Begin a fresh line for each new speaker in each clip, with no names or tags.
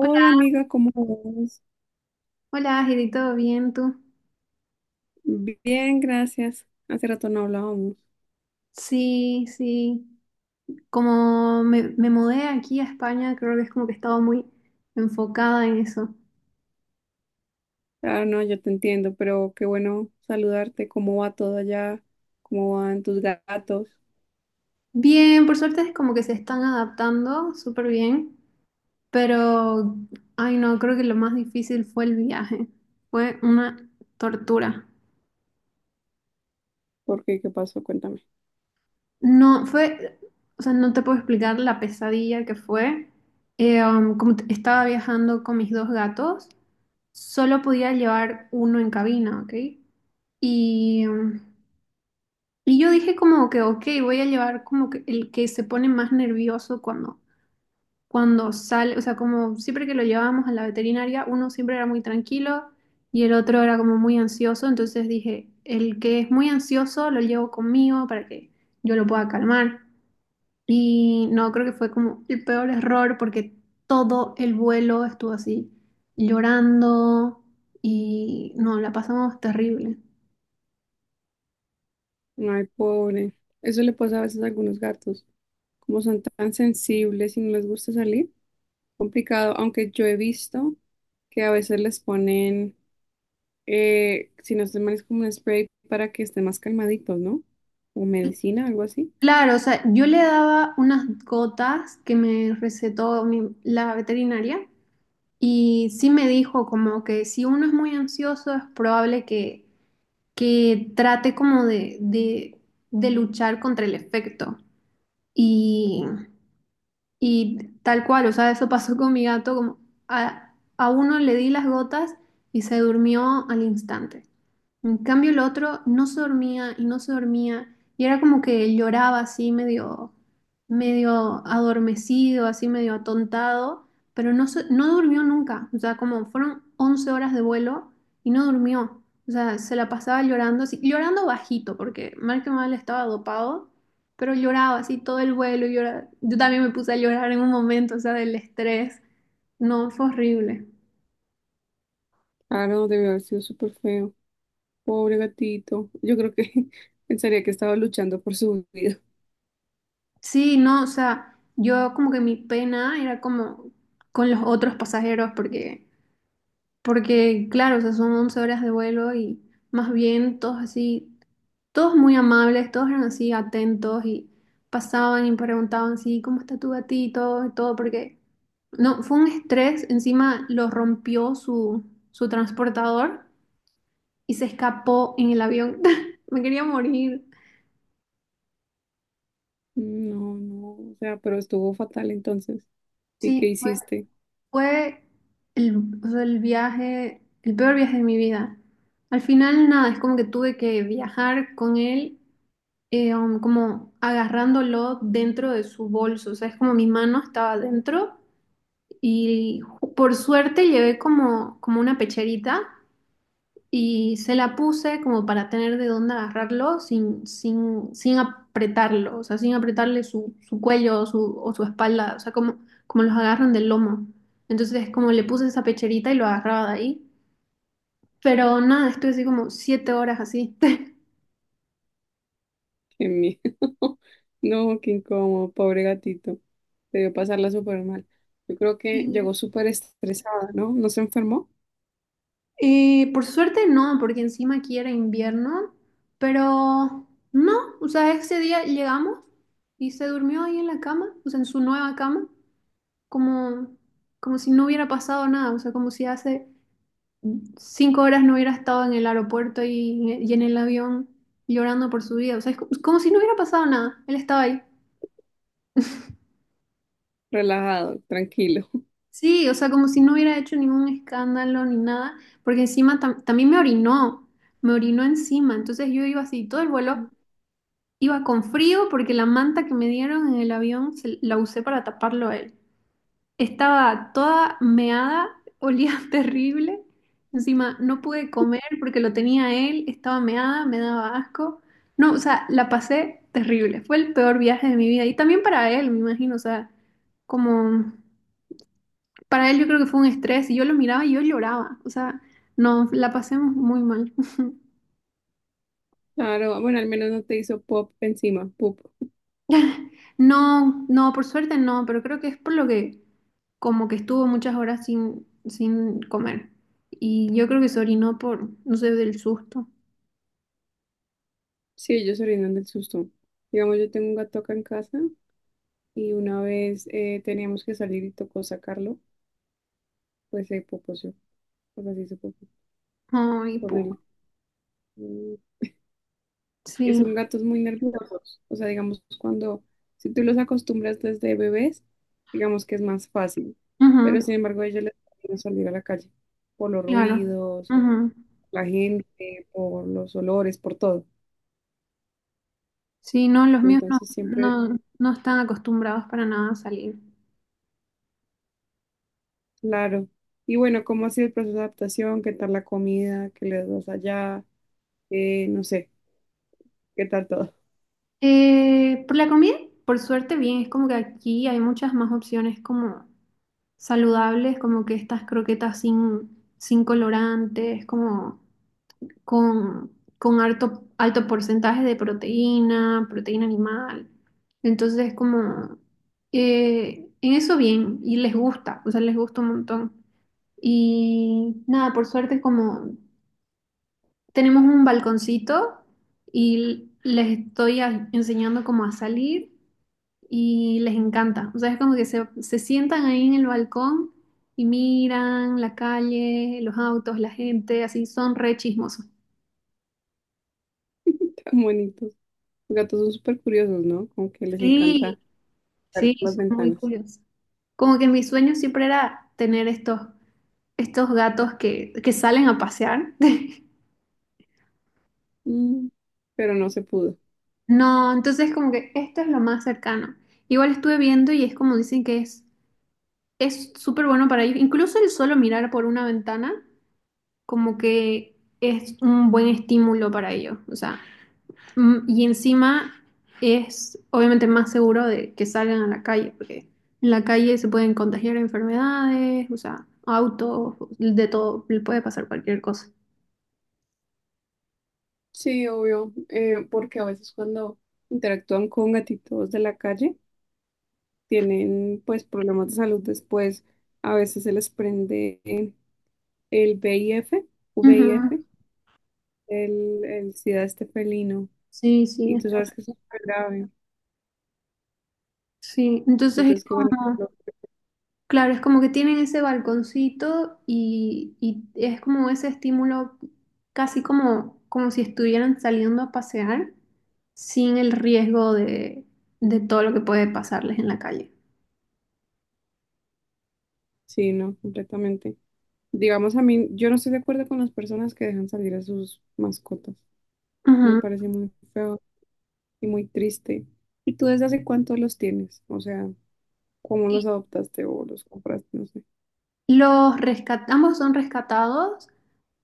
Hola,
amiga, ¿cómo vas?
hola, Heidi, ¿todo bien tú?
Bien, gracias. Hace rato no hablábamos.
Sí, sí. Como me mudé aquí a España, creo que es como que he estado muy enfocada en eso.
Ah, no, yo te entiendo, pero qué bueno saludarte. ¿Cómo va todo allá? ¿Cómo van tus gatos?
Bien, por suerte es como que se están adaptando súper bien, pero, ay no, creo que lo más difícil fue el viaje. Fue una tortura.
¿Por qué? ¿Qué pasó? Cuéntame.
No, fue, o sea, no te puedo explicar la pesadilla que fue. Como estaba viajando con mis dos gatos, solo podía llevar uno en cabina, ¿ok? Y, y yo dije como que, ok, voy a llevar como que el que se pone más nervioso cuando sale, o sea, como siempre que lo llevábamos a la veterinaria, uno siempre era muy tranquilo y el otro era como muy ansioso, entonces dije, el que es muy ansioso lo llevo conmigo para que yo lo pueda calmar. Y no, creo que fue como el peor error porque todo el vuelo estuvo así, llorando y no, la pasamos terrible.
Ay, pobre. Eso le pasa a veces a algunos gatos. Como son tan sensibles y no les gusta salir. Complicado, aunque yo he visto que a veces les ponen, si no estoy mal, es como un spray para que estén más calmaditos, ¿no? O medicina, algo así.
Claro, o sea, yo le daba unas gotas que me recetó la veterinaria y sí me dijo como que si uno es muy ansioso es probable que trate como de luchar contra el efecto. Y, y tal cual, o sea, eso pasó con mi gato, como a uno le di las gotas y se durmió al instante. En cambio, el otro no se dormía y no se dormía y era como que lloraba así medio, medio adormecido, así medio atontado, pero no, no durmió nunca. O sea, como fueron 11 horas de vuelo y no durmió. O sea, se la pasaba llorando, así, llorando bajito, porque mal que mal estaba dopado, pero lloraba así todo el vuelo. Yo también me puse a llorar en un momento, o sea, del estrés. No, fue horrible.
Ah no, debe haber sido súper feo. Pobre gatito. Yo creo que pensaría que estaba luchando por su vida.
Sí, no, o sea, yo como que mi pena era como con los otros pasajeros porque, claro, o sea, son 11 horas de vuelo y más bien todos así, todos muy amables, todos eran así atentos y pasaban y preguntaban, sí, ¿cómo está tu gatito? Y todo, porque no, fue un estrés, encima lo rompió su transportador y se escapó en el avión. Me quería morir.
No, no, o sea, pero estuvo fatal entonces. ¿Y
Sí,
qué hiciste?
fue el, o sea, el viaje, el peor viaje de mi vida. Al final, nada, es como que tuve que viajar con él, como agarrándolo dentro de su bolso. O sea, es como mi mano estaba dentro y por suerte llevé como una pecherita y se la puse como para tener de dónde agarrarlo sin apretarlo, o sea, sin apretarle su cuello o su espalda, o sea, como, los agarran del lomo. Entonces, como le puse esa pecherita y lo agarraba de ahí. Pero nada, estuve así como 7 horas así.
Qué miedo. No, qué incómodo, pobre gatito. Debió pasarla súper mal. Yo creo que
Y,
llegó súper estresada, ¿no? No se enfermó.
por suerte no, porque encima aquí era invierno, pero no, o sea, ese día llegamos y se durmió ahí en la cama, o sea, en su nueva cama, como, como si no hubiera pasado nada, o sea, como si hace 5 horas no hubiera estado en el aeropuerto y en el avión llorando por su vida, o sea, como si no hubiera pasado nada, él estaba ahí.
Relajado, tranquilo.
Sí, o sea, como si no hubiera hecho ningún escándalo ni nada, porque encima también me orinó encima, entonces yo iba así, todo el vuelo iba con frío porque la manta que me dieron en el avión la usé para taparlo a él. Estaba toda meada, olía terrible. Encima no pude comer porque lo tenía él, estaba meada, me daba asco. No, o sea, la pasé terrible. Fue el peor viaje de mi vida. Y también para él, me imagino, o sea, como para él yo creo que fue un estrés y yo lo miraba y yo lloraba. O sea, no, la pasé muy mal.
Claro, bueno, al menos no te hizo pop encima, pop.
No, no, por suerte no, pero creo que es por lo que como que estuvo muchas horas sin comer. Y yo creo que se orinó por, no sé, del susto.
Sí, ellos se rindan del susto. Digamos, yo tengo un gato acá en casa y una vez teníamos que salir y tocó sacarlo, pues se poposeó. O sea, sí se popó.
Ay,
Horrible. Mm,
sí,
son gatos muy nerviosos. O sea, digamos, cuando, si tú los acostumbras desde bebés, digamos que es más fácil. Pero sin
ujú,
embargo, a ellos les da miedo salir a la calle por los
claro.
ruidos,
Ujú.
la gente, por los olores, por todo.
Sí, no, los míos no,
Entonces siempre...
no, no están acostumbrados para nada a salir.
Claro. Y bueno, ¿cómo ha sido el proceso de adaptación? ¿Qué tal la comida? ¿Qué les das allá? No sé, ¿qué tal todo?
Por la comida, por suerte bien, es como que aquí hay muchas más opciones como saludables, como que estas croquetas sin colorantes, como, con, con alto, alto porcentaje de proteína, proteína animal. Entonces es como, en eso bien, y les gusta, o sea, les gusta un montón. Y nada, por suerte como tenemos un balconcito y les estoy enseñando cómo a salir y les encanta. O sea, es como que se sientan ahí en el balcón y miran la calle, los autos, la gente, así son re chismosos.
Tan bonitos. Los gatos son súper curiosos, ¿no? Como que les
Sí,
encanta ver
sí,
por las
son muy
ventanas.
curiosos. Como que mi sueño siempre era tener estos gatos que salen a pasear.
Mm, pero no se pudo.
No, entonces como que esto es lo más cercano. Igual estuve viendo y es como dicen que es súper bueno para ellos. Incluso el solo mirar por una ventana como que es un buen estímulo para ellos. O sea, y encima es obviamente más seguro de que salgan a la calle, porque en la calle se pueden contagiar enfermedades, o sea, autos, de todo, le puede pasar cualquier cosa.
Sí, obvio, porque a veces cuando, interactúan con gatitos de la calle, tienen pues problemas de salud después. A veces se les prende el VIF,
Ujú.
VIF, el SIDA este felino.
Sí, sí,
Y tú sabes que es súper grave.
sí. Entonces es
Entonces, qué bueno que
como,
no...
claro, es como que tienen ese balconcito y es como ese estímulo, casi como si estuvieran saliendo a pasear sin el riesgo de todo lo que puede pasarles en la calle.
Sí, no, completamente. Digamos, a mí, yo no estoy de acuerdo con las personas que dejan salir a sus mascotas. Me
Ujú.
parece muy feo y muy triste. ¿Y tú desde hace cuánto los tienes? O sea, ¿cómo los adoptaste o los compraste? No sé.
Ambos son rescatados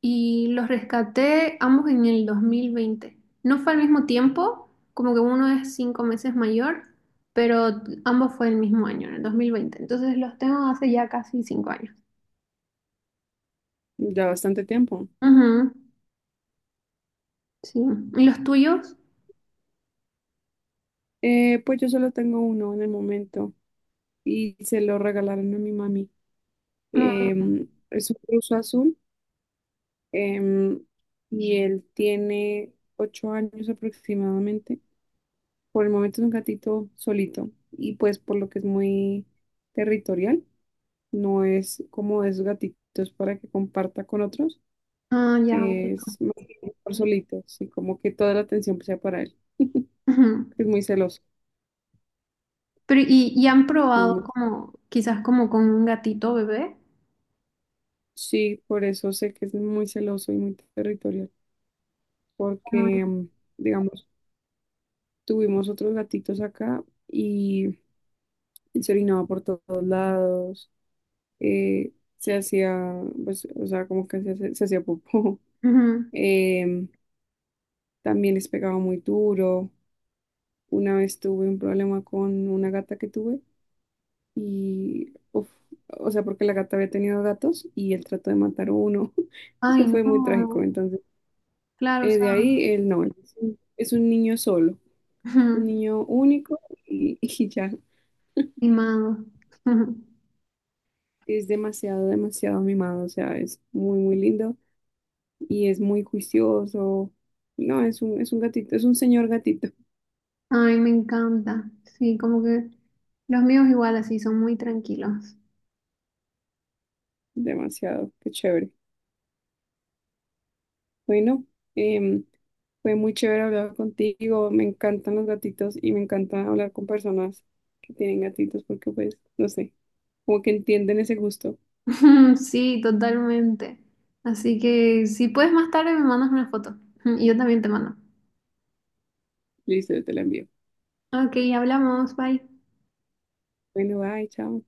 y los rescaté ambos en el 2020. No fue al mismo tiempo, como que uno es 5 meses mayor, pero ambos fue el mismo año, en el 2020. Entonces los tengo hace ya casi 5 años.
Ya bastante tiempo.
Ujú, sí. ¿Y los tuyos?
Pues yo solo tengo uno en el momento y se lo regalaron a mi mami.
Mm.
Es un ruso azul, em, y él tiene ocho años aproximadamente. Por el momento es un gatito solito y pues por lo que es muy territorial, no es como esos gatitos para que comparta con otros,
Ah, ya. Ok.
es más bien por solito, así como que toda la atención sea para él,
Ujú.
porque es muy celoso.
Pero, ¿y han
muy,
probado
muy-
como, quizás como con un gatito bebé?
Sí, por eso sé que es muy celoso y muy territorial, porque
Como-
mm, digamos, tuvimos otros gatitos acá y se orinaba por todos lados, se hacía, pues, o sea, como que se, se hacía popó.
ujú.
em, También les pegaba muy duro. Una vez tuve un problema con una gata que tuve y, uf, o sea, porque la gata había tenido gatos y él trató de matar a uno.
Ay,
Eso fue muy
no.
trágico. Entonces,
Claro, o
de
sea,
ahí él no, él es un niño solo, es un
ujú,
niño único y, y ya
mimado.
es demasiado, demasiado mimado. O sea, es muy, muy lindo y es muy juicioso. No, es un gatito, es un señor gatito.
Ay, me encanta. Sí, como que los míos igual así son muy tranquilos.
Demasiado, qué chévere. Bueno, em, fue muy chévere hablar contigo. Me encantan los gatitos y me encanta hablar con personas que tienen gatitos porque, pues, no sé, como que entienden ese gusto.
Sí, totalmente. Así que si puedes más tarde me mandas una foto. Y yo también te mando.
Listo, yo te lo envío.
Ok, hablamos. Bye.
Bueno, bye, chao.